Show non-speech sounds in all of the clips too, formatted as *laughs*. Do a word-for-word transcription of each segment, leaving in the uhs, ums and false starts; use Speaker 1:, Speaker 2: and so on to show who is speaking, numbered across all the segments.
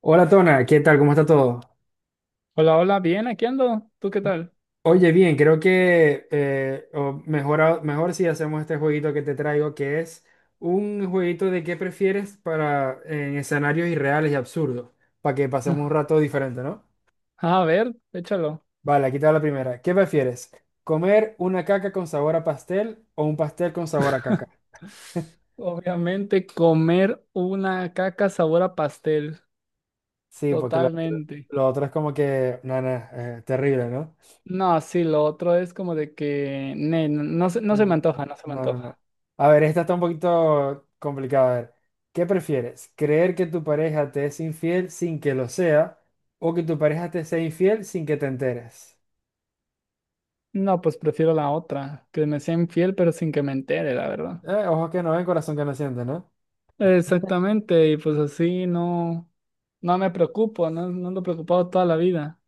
Speaker 1: Hola Tona, ¿qué tal? ¿Cómo está todo?
Speaker 2: Hola, hola, bien, aquí ando. ¿Tú qué tal?
Speaker 1: Oye, bien, creo que eh, o mejor, a- mejor si hacemos este jueguito que te traigo, que es un jueguito de qué prefieres para en escenarios irreales y absurdos, para que pasemos un
Speaker 2: *laughs*
Speaker 1: rato diferente, ¿no?
Speaker 2: A ver, échalo.
Speaker 1: Vale, aquí te va la primera. ¿Qué prefieres? ¿Comer una caca con sabor a pastel o un pastel con sabor a caca? *laughs*
Speaker 2: Obviamente, comer una caca sabor a pastel.
Speaker 1: Sí, porque lo otro,
Speaker 2: Totalmente.
Speaker 1: lo otro es como que, nada, terrible, ¿no?
Speaker 2: No, sí, lo otro es como de que ne, no, no se, no se me
Speaker 1: Mm,
Speaker 2: antoja, no se me
Speaker 1: no, no, no.
Speaker 2: antoja.
Speaker 1: A ver, esta está un poquito complicada. A ver, ¿qué prefieres? ¿Creer que tu pareja te es infiel sin que lo sea o que tu pareja te sea infiel sin que te enteres?
Speaker 2: No, pues prefiero la otra, que me sea infiel, pero sin que me entere, la verdad.
Speaker 1: Eh, ojos que no ven, corazón que no siente, ¿no?
Speaker 2: Exactamente, y pues así no, no me preocupo, no, no ando preocupado toda la vida.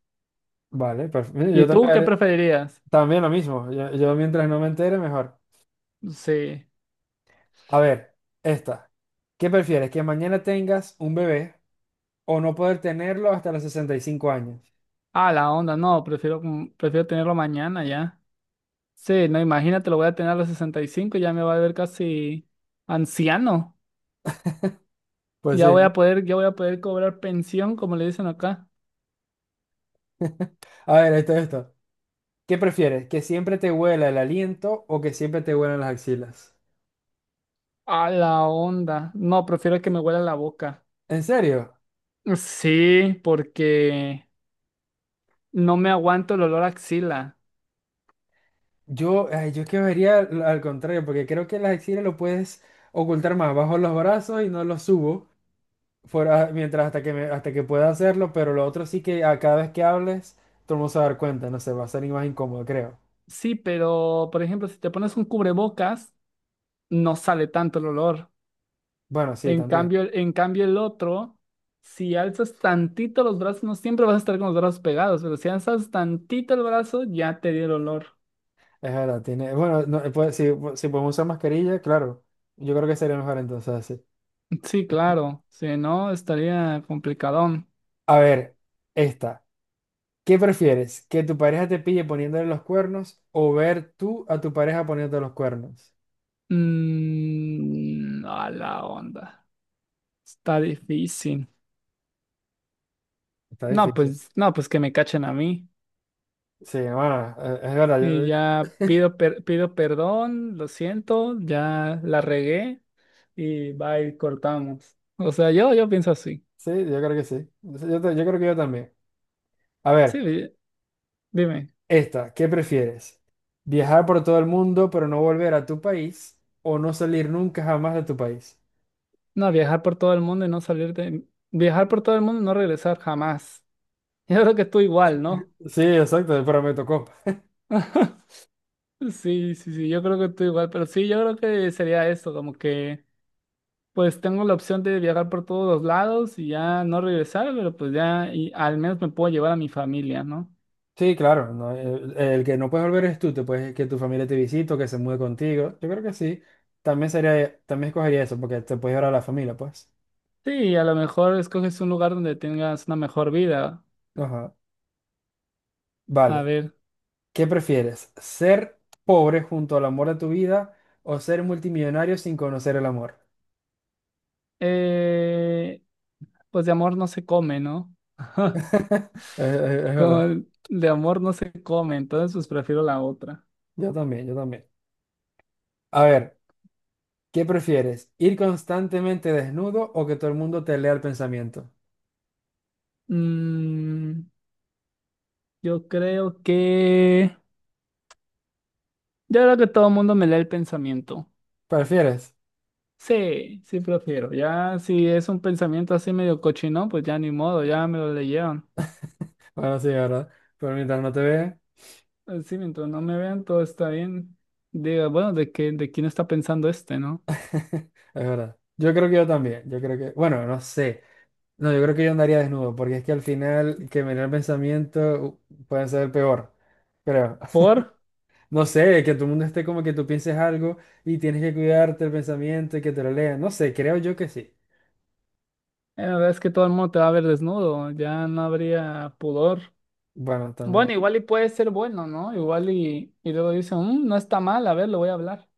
Speaker 1: Vale, perfecto. Yo
Speaker 2: ¿Y tú
Speaker 1: también,
Speaker 2: qué
Speaker 1: haré-
Speaker 2: preferirías?
Speaker 1: también lo mismo. Yo, yo mientras no me entere, mejor.
Speaker 2: Sí.
Speaker 1: A ver, esta. ¿Qué prefieres? ¿Que mañana tengas un bebé o no poder tenerlo hasta los sesenta y cinco años?
Speaker 2: Ah, la onda, no, prefiero, como- prefiero tenerlo mañana ya. Sí, no, imagínate, lo voy a tener a los sesenta y cinco, ya me va a ver casi anciano.
Speaker 1: Pues
Speaker 2: Ya
Speaker 1: sí,
Speaker 2: voy
Speaker 1: ¿no?
Speaker 2: a poder, ya voy a poder cobrar pensión, como le dicen acá.
Speaker 1: A ver, esto, esto. ¿Qué prefieres? ¿Que siempre te huela el aliento o que siempre te huelan las axilas?
Speaker 2: A la onda. No, prefiero que me huela la boca.
Speaker 1: ¿En serio?
Speaker 2: Sí, porque no me aguanto el olor a axila.
Speaker 1: Yo, ay, yo es que vería al al contrario, porque creo que las axilas lo puedes ocultar más. Bajo los brazos y no los subo, fuera, mientras hasta que, me- hasta que pueda hacerlo, pero lo otro sí que a cada vez que hables, todo el mundo se va a dar cuenta, no sé, va a ser más incómodo, creo.
Speaker 2: Sí, pero, por ejemplo, si te pones un cubrebocas, no sale tanto el olor.
Speaker 1: Bueno, sí,
Speaker 2: En
Speaker 1: también.
Speaker 2: cambio, en cambio el otro, si alzas tantito los brazos, no siempre vas a estar con los brazos pegados, pero si alzas tantito el brazo, ya te dio el olor. *laughs*
Speaker 1: Es verdad, tiene. Bueno, no, pues, si, si podemos usar mascarilla, claro. Yo creo que sería mejor entonces así.
Speaker 2: Sí, claro, si no, estaría complicadón.
Speaker 1: A ver, esta. ¿Qué prefieres? ¿Que tu pareja te pille poniéndole los cuernos o ver tú a tu pareja poniéndote los cuernos?
Speaker 2: Mm, a la onda. Está difícil.
Speaker 1: Está
Speaker 2: No,
Speaker 1: difícil.
Speaker 2: pues, no, pues que me cachen a mí.
Speaker 1: Sí, bueno, eh, es verdad.
Speaker 2: Y
Speaker 1: yo-
Speaker 2: ya pido, per- pido perdón, lo siento, ya la regué y va y cortamos. O sea, yo, yo pienso así.
Speaker 1: Sí, yo creo que sí. Yo, ta- yo creo que yo también. A
Speaker 2: Sí,
Speaker 1: ver,
Speaker 2: di- dime.
Speaker 1: esta, ¿qué prefieres? ¿Viajar por todo el mundo pero no volver a tu país o no salir nunca jamás de tu país?
Speaker 2: No, viajar por todo el mundo y no salir de... Viajar por todo el mundo y no regresar jamás. *laughs* Yo creo que tú igual, ¿no?
Speaker 1: Sí, exacto, pero me tocó.
Speaker 2: *laughs* Sí, sí, sí, yo creo que tú igual, pero sí, yo creo que sería esto, como que pues tengo la opción de viajar por todos los lados y ya no regresar, pero pues ya y al menos me puedo llevar a mi familia, ¿no?
Speaker 1: Sí, claro, no, el, el que no puedes volver es tú, te puedes que tu familia te visite o que se mude contigo. Yo creo que sí. También sería, también escogería eso porque te puedes ver a la familia, pues.
Speaker 2: Sí, a lo mejor escoges un lugar donde tengas una mejor vida.
Speaker 1: Ajá.
Speaker 2: A
Speaker 1: Vale.
Speaker 2: ver,
Speaker 1: ¿Qué prefieres? ¿Ser pobre junto al amor de tu vida o ser multimillonario sin conocer el amor?
Speaker 2: eh, pues de amor no se come, ¿no? *laughs*
Speaker 1: *laughs* Es, es- es
Speaker 2: Como
Speaker 1: verdad.
Speaker 2: el- de amor no se come, entonces pues prefiero la otra.
Speaker 1: Yo también, yo también. A ver, ¿qué prefieres? ¿Ir constantemente desnudo o que todo el mundo te lea el pensamiento?
Speaker 2: Mm, yo creo que... Yo creo que todo el mundo me lee el pensamiento.
Speaker 1: ¿Prefieres?
Speaker 2: Sí, sí prefiero. Ya si es un pensamiento así medio cochino, pues ya ni modo, ya me lo leyeron.
Speaker 1: Bueno, sí, es ¿verdad? Pero mientras no te vean,
Speaker 2: Sí, mientras no me vean, todo está bien. Diga, bueno, ¿de qué, de quién está pensando este, no?
Speaker 1: es verdad. Yo creo que yo también. Yo creo que, bueno, no sé. No, yo creo que yo andaría desnudo porque es que al final que me lea el pensamiento uh, puede ser el peor, creo.
Speaker 2: Por...
Speaker 1: No sé, que todo el mundo esté como que tú pienses algo y tienes que cuidarte el pensamiento y que te lo lean. No sé, creo yo que sí.
Speaker 2: eh, la verdad es que todo el mundo te va a ver desnudo, ya no habría pudor.
Speaker 1: Bueno, también.
Speaker 2: Bueno, igual y puede ser bueno, ¿no? Igual y, y luego dicen, "Mm, no está mal, a ver, lo voy a hablar".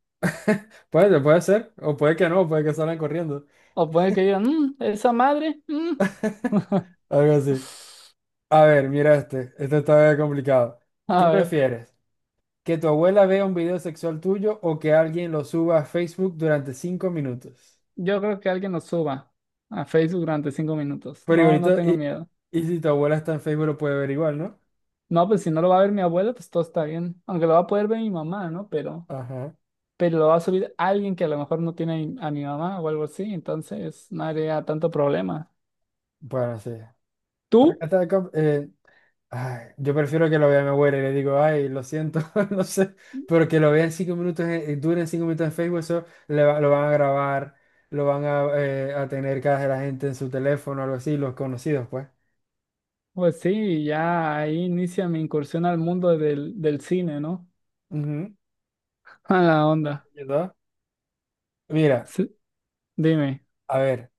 Speaker 1: Puede, puede ser, o puede que no, puede que salgan corriendo.
Speaker 2: O puede que digan, "Mm, esa madre, mm".
Speaker 1: Algo así. A ver, mira este. Este está complicado.
Speaker 2: A
Speaker 1: ¿Qué
Speaker 2: ver,
Speaker 1: prefieres? ¿Que tu abuela vea un video sexual tuyo o que alguien lo suba a Facebook durante cinco minutos?
Speaker 2: yo creo que alguien nos suba a Facebook durante cinco minutos.
Speaker 1: Pero
Speaker 2: No, no
Speaker 1: igualito,
Speaker 2: tengo
Speaker 1: y,
Speaker 2: miedo.
Speaker 1: y si tu abuela está en Facebook lo puede ver igual, ¿no?
Speaker 2: No, pues si no lo va a ver mi abuela, pues todo está bien. Aunque lo va a poder ver mi mamá, ¿no? Pero,
Speaker 1: Ajá.
Speaker 2: pero lo va a subir alguien que a lo mejor no tiene a mi a mi mamá o algo así. Entonces, no haría tanto problema.
Speaker 1: Bueno, sí. Acá
Speaker 2: ¿Tú?
Speaker 1: está, com- eh, Ay, yo prefiero que lo vea mi abuela y le digo, ay, lo siento, *laughs* no sé, pero que lo vean cinco minutos, en- eh, duren cinco minutos en Facebook, eso le va- lo van a grabar, lo van a, eh, a tener cada de la gente en su teléfono, algo así, los conocidos, pues.
Speaker 2: Pues sí, ya ahí inicia mi incursión al mundo del, del cine, ¿no?
Speaker 1: Ujú,
Speaker 2: *laughs* A la onda.
Speaker 1: ¿verdad? Mira,
Speaker 2: Sí, dime,
Speaker 1: a ver,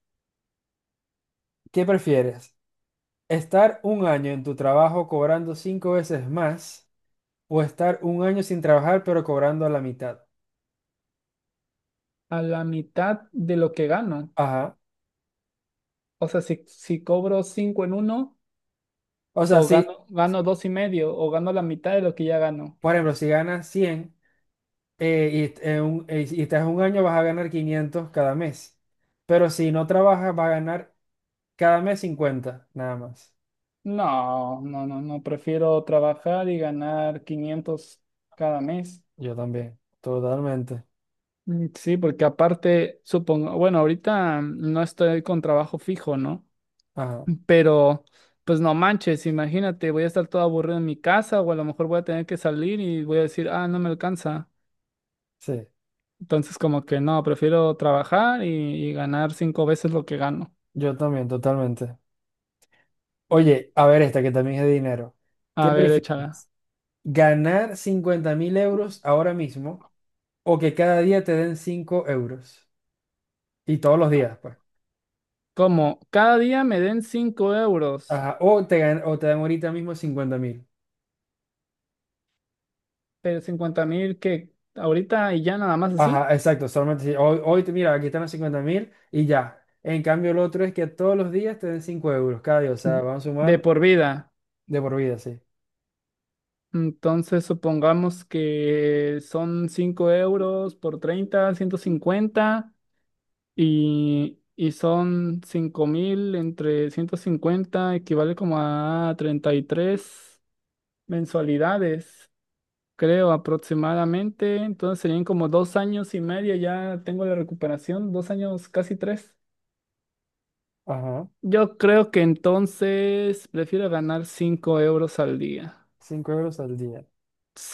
Speaker 1: ¿qué prefieres? ¿Estar un año en tu trabajo cobrando cinco veces más o estar un año sin trabajar pero cobrando la mitad?
Speaker 2: a la mitad de lo que gano.
Speaker 1: Ajá.
Speaker 2: O sea, si, si cobro cinco en uno.
Speaker 1: O sea,
Speaker 2: O
Speaker 1: si,
Speaker 2: gano,
Speaker 1: si,
Speaker 2: gano dos y medio, o gano la mitad de lo que ya gano.
Speaker 1: por ejemplo, si ganas cien. Eh, y, en un, eh, y estás un año, vas a ganar quinientos cada mes. Pero si no trabajas, vas a ganar cada mes cincuenta nada más.
Speaker 2: No, no, no, no, prefiero trabajar y ganar quinientos cada mes.
Speaker 1: Yo también, totalmente.
Speaker 2: Mm, sí, porque aparte, supongo, bueno, ahorita mm, no estoy con trabajo fijo, ¿no?
Speaker 1: Ajá,
Speaker 2: Pero, pues no manches, imagínate, voy a estar todo aburrido en mi casa o a lo mejor voy a tener que salir y voy a decir, ah, no me alcanza.
Speaker 1: sí,
Speaker 2: Entonces, como que no, prefiero trabajar y, y ganar cinco veces lo que gano.
Speaker 1: yo también, totalmente. Oye, a ver esta que también es de dinero. ¿Qué
Speaker 2: A ver, échala.
Speaker 1: prefieres? ¿Ganar cincuenta mil euros ahora mismo o que cada día te den cinco euros? Y todos los días, pues.
Speaker 2: Como cada día me den cinco euros,
Speaker 1: Ajá, o te, gan- o te dan ahorita mismo cincuenta mil.
Speaker 2: pero cincuenta mil que ahorita y ya nada más así,
Speaker 1: Ajá, exacto, solamente si hoy, hoy te mira, aquí están los cincuenta mil y ya. En cambio, el otro es que todos los días te den cinco euros cada día, o sea, van
Speaker 2: de
Speaker 1: sumando
Speaker 2: por vida.
Speaker 1: de por vida, sí.
Speaker 2: Entonces supongamos que son cinco euros por treinta ciento cincuenta y, y son cinco mil entre ciento cincuenta equivale como a treinta y tres mensualidades, creo aproximadamente. Entonces serían como dos años y medio, ya tengo la recuperación, dos años, casi tres.
Speaker 1: Ajá,
Speaker 2: Yo creo que entonces prefiero ganar cinco euros al día.
Speaker 1: cinco euros al día.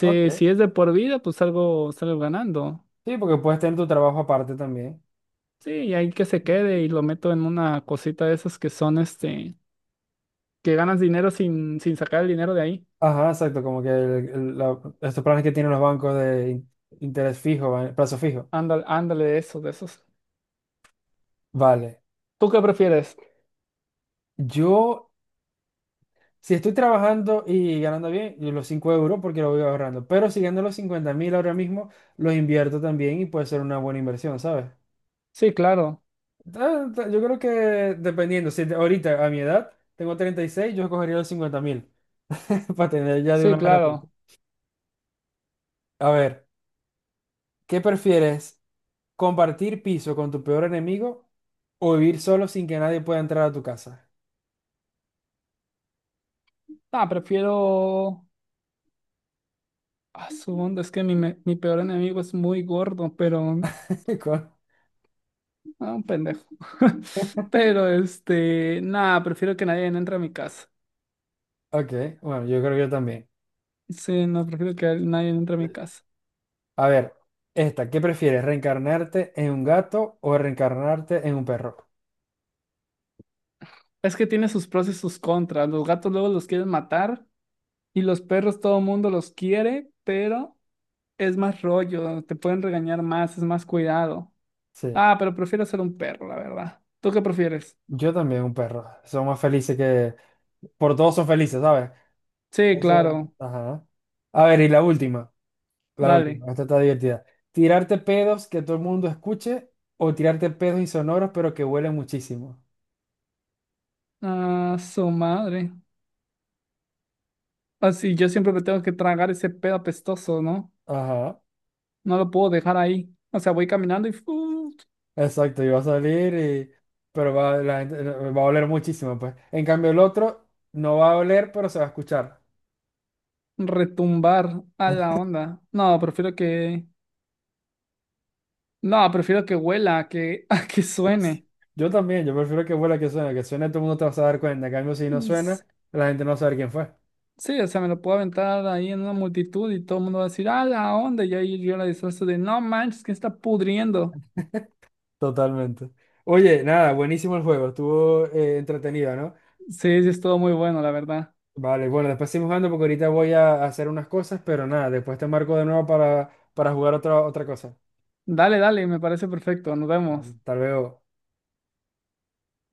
Speaker 1: Ok.
Speaker 2: si es de por vida, pues salgo, salgo ganando.
Speaker 1: Sí, porque puedes tener tu trabajo aparte también.
Speaker 2: Sí, y ahí que se quede y lo meto en una cosita de esas que son este, que ganas dinero sin, sin sacar el dinero de ahí.
Speaker 1: Ajá, exacto, como que el- el- la- estos planes que tienen los bancos de in- interés fijo, va- plazo fijo.
Speaker 2: Ándale, ándale, de esos, de esos.
Speaker 1: Vale,
Speaker 2: ¿Tú qué prefieres?
Speaker 1: yo, si estoy trabajando y ganando bien, yo los cinco euros porque lo voy ahorrando, pero si gano los cincuenta mil ahora mismo, los invierto también y puede ser una buena inversión, ¿sabes?
Speaker 2: Sí, claro,
Speaker 1: Da- da- Yo creo que dependiendo, si te- ahorita a mi edad tengo treinta y seis yo escogería los cincuenta mil *laughs* para tener ya de
Speaker 2: sí,
Speaker 1: una vez la plata.
Speaker 2: claro.
Speaker 1: A ver, ¿qué prefieres? ¿Compartir piso con tu peor enemigo o vivir solo sin que nadie pueda entrar a tu casa?
Speaker 2: Ah, prefiero... Ah, su onda, es que mi, me- mi peor enemigo es muy gordo, pero
Speaker 1: *laughs* Con-
Speaker 2: ah, un pendejo. *laughs* Pero este, nada, prefiero que nadie entre a mi casa.
Speaker 1: Ok, bueno, yo creo que yo también.
Speaker 2: Sí, no, prefiero que nadie entre a mi casa.
Speaker 1: A ver, esta, ¿qué prefieres? ¿Reencarnarte en un gato o reencarnarte en un perro?
Speaker 2: Es que tiene sus pros y sus contras. Los gatos luego los quieren matar y los perros todo el mundo los quiere, pero es más rollo, te pueden regañar más, es más cuidado.
Speaker 1: Sí,
Speaker 2: Ah, pero prefiero ser un perro, la verdad. ¿Tú qué prefieres?
Speaker 1: yo también un perro. Son más felices que... Por todos son felices, ¿sabes?
Speaker 2: Sí,
Speaker 1: O sea,
Speaker 2: claro,
Speaker 1: ajá. A ver, y la última, la
Speaker 2: dale.
Speaker 1: última, esta está divertida. Tirarte pedos que todo el mundo escuche o tirarte pedos insonoros pero que huelen muchísimo.
Speaker 2: Ah, su madre. Así yo siempre me tengo que tragar ese pedo apestoso, ¿no?
Speaker 1: Ajá,
Speaker 2: No lo puedo dejar ahí. O sea, voy caminando y ¡fu!
Speaker 1: exacto, y va a salir y... pero va, la gente- va a oler muchísimo, pues. En cambio el otro no va a oler pero se va a escuchar.
Speaker 2: Retumbar a la onda. No, prefiero que. No, prefiero que huela, a que, *laughs* a que
Speaker 1: Sí.
Speaker 2: suene.
Speaker 1: Yo también, yo prefiero que huela que suene, que suene todo el mundo te vas a dar cuenta. En cambio si no suena,
Speaker 2: Es-
Speaker 1: la gente no va a saber quién fue.
Speaker 2: Sí, o sea, me lo puedo aventar ahí en una multitud y todo el mundo va a decir, a la onda. Y ahí yo la disfrazo de, no manches, que está pudriendo.
Speaker 1: Totalmente. Oye, nada, buenísimo el juego, estuvo eh, entretenido, ¿no?
Speaker 2: Sí, sí, es todo muy bueno, la verdad.
Speaker 1: Vale, bueno, después seguimos jugando porque ahorita voy a hacer unas cosas, pero nada, después te marco de nuevo para, para, jugar otra, otra cosa.
Speaker 2: Dale, dale, me parece perfecto. Nos
Speaker 1: Vale,
Speaker 2: vemos.
Speaker 1: hasta luego.